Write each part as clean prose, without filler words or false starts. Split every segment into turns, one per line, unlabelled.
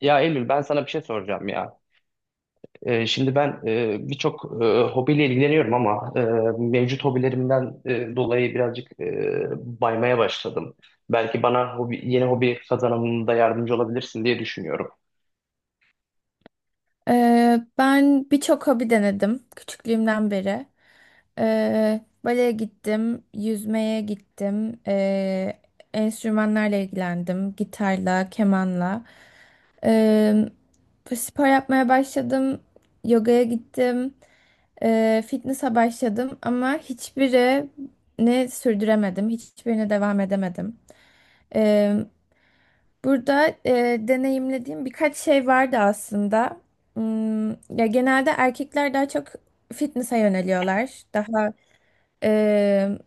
Ya Eylül, ben sana bir şey soracağım ya. Şimdi ben birçok hobiyle ilgileniyorum ama mevcut hobilerimden dolayı birazcık baymaya başladım. Belki bana hobi, yeni hobi kazanımında yardımcı olabilirsin diye düşünüyorum.
Ben birçok hobi denedim küçüklüğümden beri. Baleye gittim, yüzmeye gittim, enstrümanlarla ilgilendim, gitarla, kemanla. Ee, Spor yapmaya başladım, yogaya gittim, fitness'a başladım ama hiçbirini sürdüremedim, hiçbirine devam edemedim. Burada deneyimlediğim birkaç şey vardı aslında. Hmm, ya genelde erkekler daha çok fitness'a yöneliyorlar. Daha e,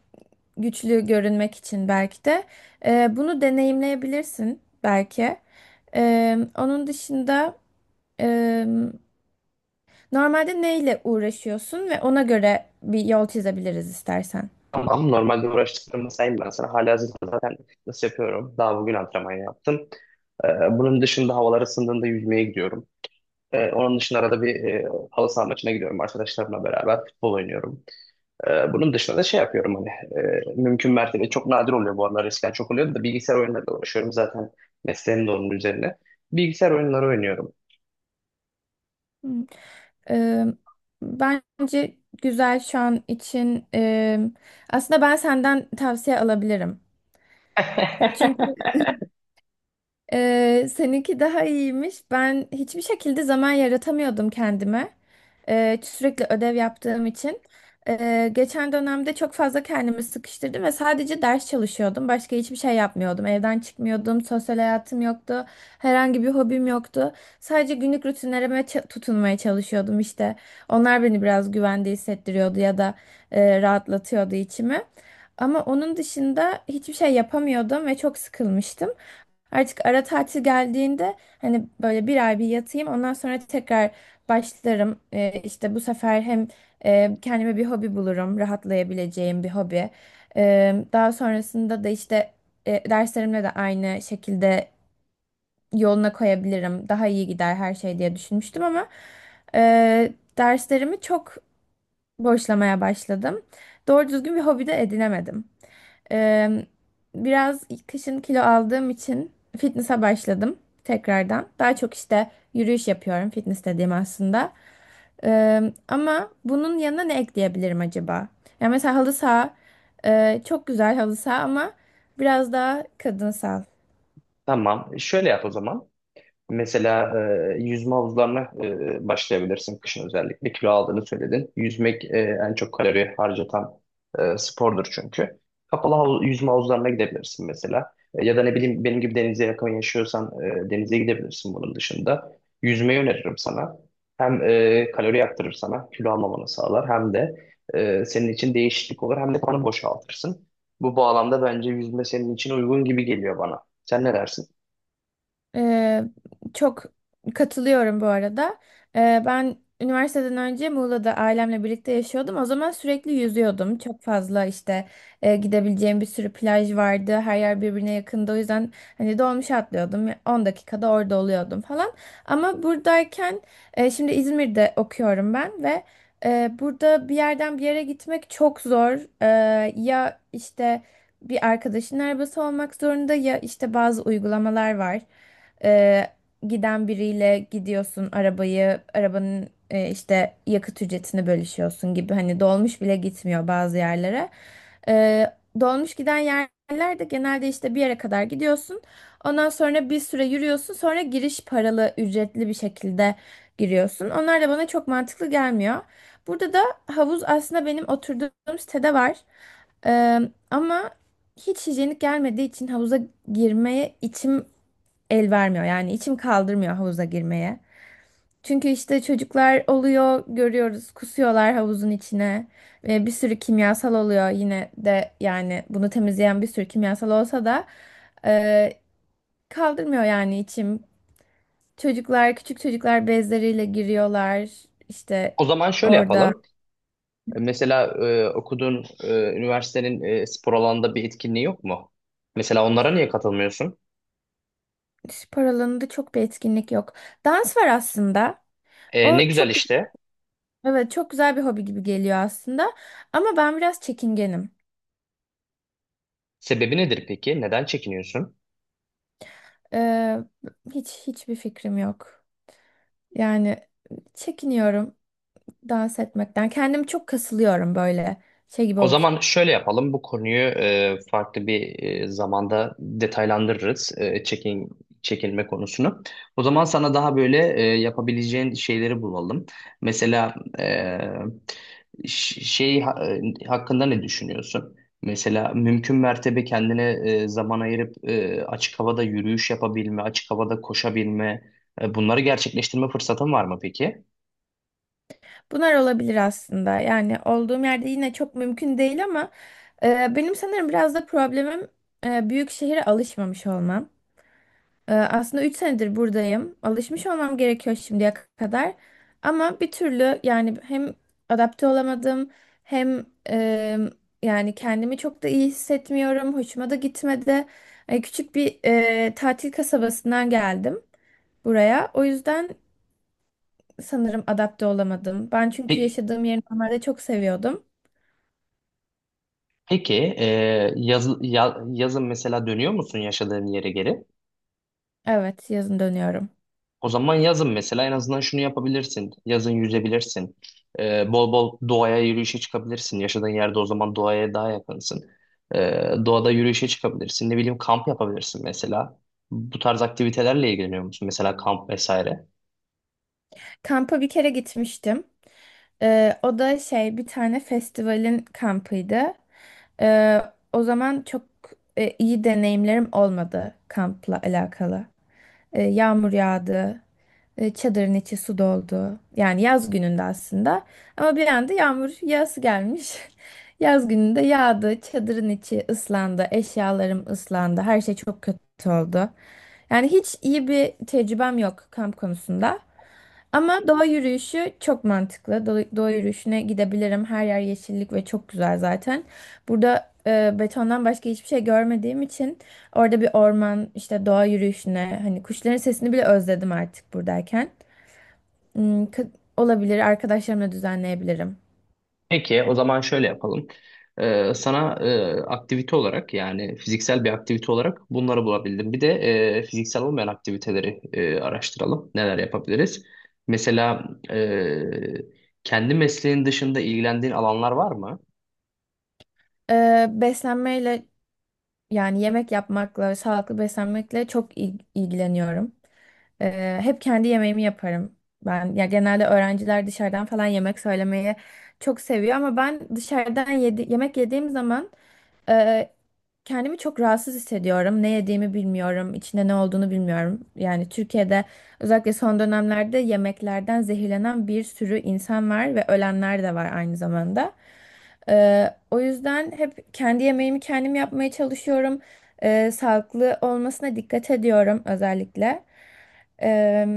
güçlü görünmek için belki de. Bunu deneyimleyebilirsin belki. Onun dışında e, normalde neyle uğraşıyorsun ve ona göre bir yol çizebiliriz istersen.
Ama normalde uğraştıklarımı sayayım ben sana. Halihazırda zaten nasıl yapıyorum? Daha bugün antrenman yaptım. Bunun dışında havalar ısındığında yüzmeye gidiyorum. Onun dışında arada bir halı saha maçına gidiyorum arkadaşlarımla beraber. Futbol oynuyorum. Bunun dışında da şey yapıyorum hani mümkün mertebe çok nadir oluyor bu aralar, eskiden çok oluyordu da bilgisayar oyunlarıyla uğraşıyorum, zaten mesleğim de onun üzerine. Bilgisayar oyunları oynuyorum.
Hmm. Eee, Bence güzel şu an için. Aslında ben senden tavsiye alabilirim. Çünkü seninki daha iyiymiş. Ben hiçbir şekilde zaman yaratamıyordum kendime. Sürekli ödev yaptığım için. Geçen dönemde çok fazla kendimi sıkıştırdım ve sadece ders çalışıyordum. Başka hiçbir şey yapmıyordum. Evden çıkmıyordum, sosyal hayatım yoktu, herhangi bir hobim yoktu. Sadece günlük rutinlerime tutunmaya çalışıyordum işte. Onlar beni biraz güvende hissettiriyordu ya da rahatlatıyordu içimi. Ama onun dışında hiçbir şey yapamıyordum ve çok sıkılmıştım. Artık ara tatil geldiğinde hani böyle bir ay bir yatayım ondan sonra tekrar başlarım. İşte bu sefer hem kendime bir hobi bulurum, rahatlayabileceğim bir hobi. Daha sonrasında da işte derslerimle de aynı şekilde yoluna koyabilirim. Daha iyi gider her şey diye düşünmüştüm ama e, derslerimi çok boşlamaya başladım. Doğru düzgün bir hobi de edinemedim. Eee, Biraz kışın kilo aldığım için fitness'a başladım tekrardan. Daha çok işte yürüyüş yapıyorum fitness dediğim aslında. Ama bunun yanına ne ekleyebilirim acaba? Yani mesela halı saha çok güzel halı saha ama biraz daha kadınsal.
Tamam, şöyle yap o zaman. Mesela yüzme havuzlarına başlayabilirsin kışın özellikle. Kilo aldığını söyledin. Yüzmek en çok kalori harcatan spordur çünkü. Kapalı havuz, yüzme havuzlarına gidebilirsin mesela. E, ya da ne bileyim, benim gibi denize yakın yaşıyorsan denize gidebilirsin bunun dışında. Yüzmeyi öneririm sana. Hem kalori yaktırır sana, kilo almamanı sağlar. Hem de senin için değişiklik olur. Hem de kanı boşaltırsın. Bu bağlamda bence yüzme senin için uygun gibi geliyor bana. Sen ne dersin?
Ee, Çok katılıyorum bu arada. Ben üniversiteden önce Muğla'da ailemle birlikte yaşıyordum. O zaman sürekli yüzüyordum. Çok fazla işte gidebileceğim bir sürü plaj vardı. Her yer birbirine yakındı. O yüzden hani dolmuşa atlıyordum. 10 dakikada orada oluyordum falan. Ama buradayken şimdi İzmir'de okuyorum ben ve burada bir yerden bir yere gitmek çok zor. Ya işte bir arkadaşın arabası olmak zorunda ya işte bazı uygulamalar var e, giden biriyle gidiyorsun arabayı, arabanın işte yakıt ücretini bölüşüyorsun gibi. Hani dolmuş bile gitmiyor bazı yerlere. E, Dolmuş giden yerlerde genelde işte bir yere kadar gidiyorsun. Ondan sonra bir süre yürüyorsun. Sonra giriş paralı, ücretli bir şekilde giriyorsun. Onlar da bana çok mantıklı gelmiyor. Burada da havuz aslında benim oturduğum sitede var. Ee, Ama hiç hijyenik gelmediği için havuza girmeye içim el vermiyor. Yani içim kaldırmıyor havuza girmeye. Çünkü işte çocuklar oluyor, görüyoruz, kusuyorlar havuzun içine. Ve bir sürü kimyasal oluyor yine de yani bunu temizleyen bir sürü kimyasal olsa da e, kaldırmıyor yani içim. Çocuklar, küçük çocuklar bezleriyle giriyorlar. İşte
O zaman şöyle
orada
yapalım. Mesela okuduğun üniversitenin spor alanında bir etkinliği yok mu? Mesela onlara niye katılmıyorsun?
spor alanında çok bir etkinlik yok. Dans var aslında.
E,
O
ne güzel
çok
işte.
evet çok güzel bir hobi gibi geliyor aslında. Ama ben biraz çekingenim.
Sebebi nedir peki? Neden çekiniyorsun?
Ee, hiçbir fikrim yok. Yani çekiniyorum dans etmekten. Kendimi çok kasılıyorum böyle şey gibi
O
oluyor.
zaman şöyle yapalım. Bu konuyu farklı bir zamanda detaylandırırız. E, çekilme konusunu. O zaman sana daha böyle yapabileceğin şeyleri bulalım. Mesela e, ş- şey ha- hakkında ne düşünüyorsun? Mesela mümkün mertebe kendine zaman ayırıp açık havada yürüyüş yapabilme, açık havada koşabilme, bunları gerçekleştirme fırsatın var mı peki?
Bunlar olabilir aslında. Yani olduğum yerde yine çok mümkün değil ama benim sanırım biraz da problemim büyük şehire alışmamış olmam. Aslında 3 senedir buradayım. Alışmış olmam gerekiyor şimdiye kadar. Ama bir türlü yani hem adapte olamadım hem yani kendimi çok da iyi hissetmiyorum. Hoşuma da gitmedi. Küçük bir tatil kasabasından geldim buraya. O yüzden sanırım adapte olamadım. Ben çünkü
Peki.
yaşadığım yeri normalde çok seviyordum.
Peki, yazın mesela dönüyor musun yaşadığın yere geri?
Evet, yazın dönüyorum.
O zaman yazın mesela en azından şunu yapabilirsin. Yazın yüzebilirsin. E, bol bol doğaya yürüyüşe çıkabilirsin. Yaşadığın yerde o zaman doğaya daha yakınsın. E, doğada yürüyüşe çıkabilirsin. Ne bileyim, kamp yapabilirsin mesela. Bu tarz aktivitelerle ilgileniyor musun? Mesela kamp vesaire.
Kampa bir kere gitmiştim. O da şey bir tane festivalin kampıydı. Ee, O zaman çok iyi deneyimlerim olmadı kampla alakalı. Yağmur yağdı, çadırın içi su doldu. Yani yaz gününde aslında. Ama bir anda yağmur yağısı gelmiş. Yaz gününde yağdı, çadırın içi ıslandı, eşyalarım ıslandı, her şey çok kötü oldu. Yani hiç iyi bir tecrübem yok kamp konusunda. Ama doğa yürüyüşü çok mantıklı. Doğa yürüyüşüne gidebilirim. Her yer yeşillik ve çok güzel zaten. Burada betondan başka hiçbir şey görmediğim için orada bir orman, işte doğa yürüyüşüne, hani kuşların sesini bile özledim artık buradayken. Hmm, olabilir. Arkadaşlarımla düzenleyebilirim.
Peki, o zaman şöyle yapalım. Sana aktivite olarak, yani fiziksel bir aktivite olarak, bunları bulabildim. Bir de fiziksel olmayan aktiviteleri araştıralım. Neler yapabiliriz? Mesela kendi mesleğin dışında ilgilendiğin alanlar var mı?
Beslenmeyle yani yemek yapmakla, sağlıklı beslenmekle çok ilgileniyorum. Hep kendi yemeğimi yaparım. Ben ya genelde öğrenciler dışarıdan falan yemek söylemeyi çok seviyor ama ben dışarıdan yemek yediğim zaman ee, kendimi çok rahatsız hissediyorum. Ne yediğimi bilmiyorum, içinde ne olduğunu bilmiyorum. Yani Türkiye'de özellikle son dönemlerde yemeklerden zehirlenen bir sürü insan var ve ölenler de var aynı zamanda. O yüzden hep kendi yemeğimi kendim yapmaya çalışıyorum. Sağlıklı olmasına dikkat ediyorum özellikle. Ee,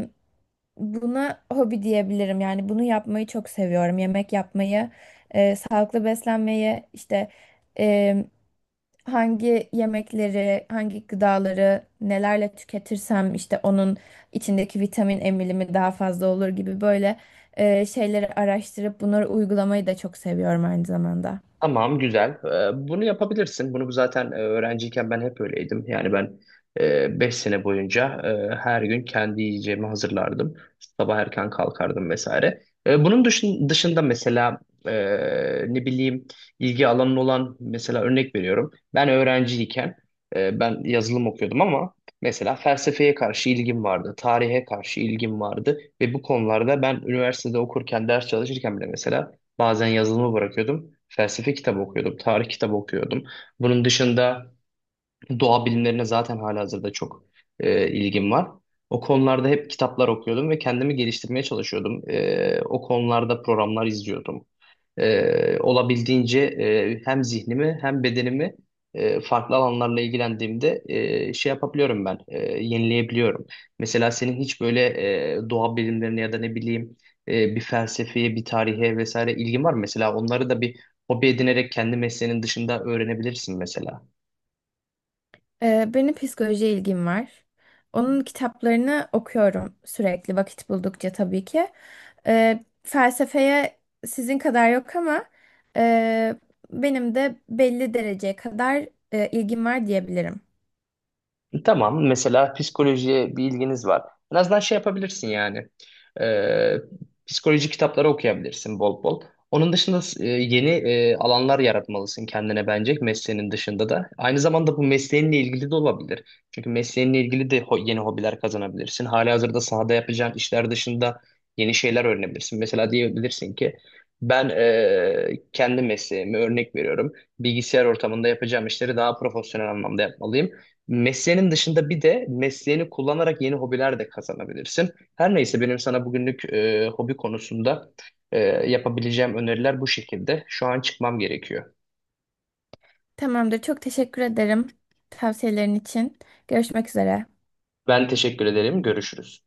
Buna hobi diyebilirim. Yani bunu yapmayı çok seviyorum. Yemek yapmayı, sağlıklı beslenmeyi, işte hangi yemekleri, hangi gıdaları nelerle tüketirsem işte onun içindeki vitamin emilimi daha fazla olur gibi böyle şeyleri araştırıp bunları uygulamayı da çok seviyorum aynı zamanda.
Tamam, güzel. Bunu yapabilirsin. Bunu zaten öğrenciyken ben hep öyleydim. Yani ben 5 sene boyunca her gün kendi yiyeceğimi hazırlardım. Sabah erken kalkardım vesaire. E, bunun dışında mesela e, ne bileyim, ilgi alanın olan, mesela örnek veriyorum. Ben öğrenciyken ben yazılım okuyordum ama mesela felsefeye karşı ilgim vardı. Tarihe karşı ilgim vardı. Ve bu konularda ben üniversitede okurken, ders çalışırken bile mesela bazen yazılımı bırakıyordum. Felsefe kitabı okuyordum. Tarih kitabı okuyordum. Bunun dışında doğa bilimlerine zaten halihazırda çok ilgim var. O konularda hep kitaplar okuyordum ve kendimi geliştirmeye çalışıyordum. E, o konularda programlar izliyordum. E, olabildiğince hem zihnimi hem bedenimi farklı alanlarla ilgilendiğimde şey yapabiliyorum ben, yenileyebiliyorum. Mesela senin hiç böyle doğa bilimlerine ya da ne bileyim bir felsefeye, bir tarihe vesaire ilgin var mı? Mesela onları da bir hobi edinerek kendi mesleğinin dışında öğrenebilirsin mesela.
Benim psikolojiye ilgim var. Onun kitaplarını okuyorum sürekli vakit buldukça tabii ki. Felsefeye sizin kadar yok ama e, benim de belli dereceye kadar ilgim var diyebilirim.
Tamam. Mesela psikolojiye bir ilginiz var. En azından şey yapabilirsin yani. Ee, Psikoloji kitapları okuyabilirsin bol bol. Onun dışında yeni alanlar yaratmalısın kendine bence, mesleğinin dışında da. Aynı zamanda bu mesleğinle ilgili de olabilir. Çünkü mesleğinle ilgili de yeni hobiler kazanabilirsin. Halihazırda sahada yapacağın işler dışında yeni şeyler öğrenebilirsin. Mesela diyebilirsin ki ben kendi mesleğimi örnek veriyorum. Bilgisayar ortamında yapacağım işleri daha profesyonel anlamda yapmalıyım. Mesleğinin dışında bir de mesleğini kullanarak yeni hobiler de kazanabilirsin. Her neyse, benim sana bugünlük hobi konusunda e, yapabileceğim öneriler bu şekilde. Şu an çıkmam gerekiyor.
Tamamdır. Çok teşekkür ederim tavsiyelerin için. Görüşmek üzere.
Ben teşekkür ederim. Görüşürüz.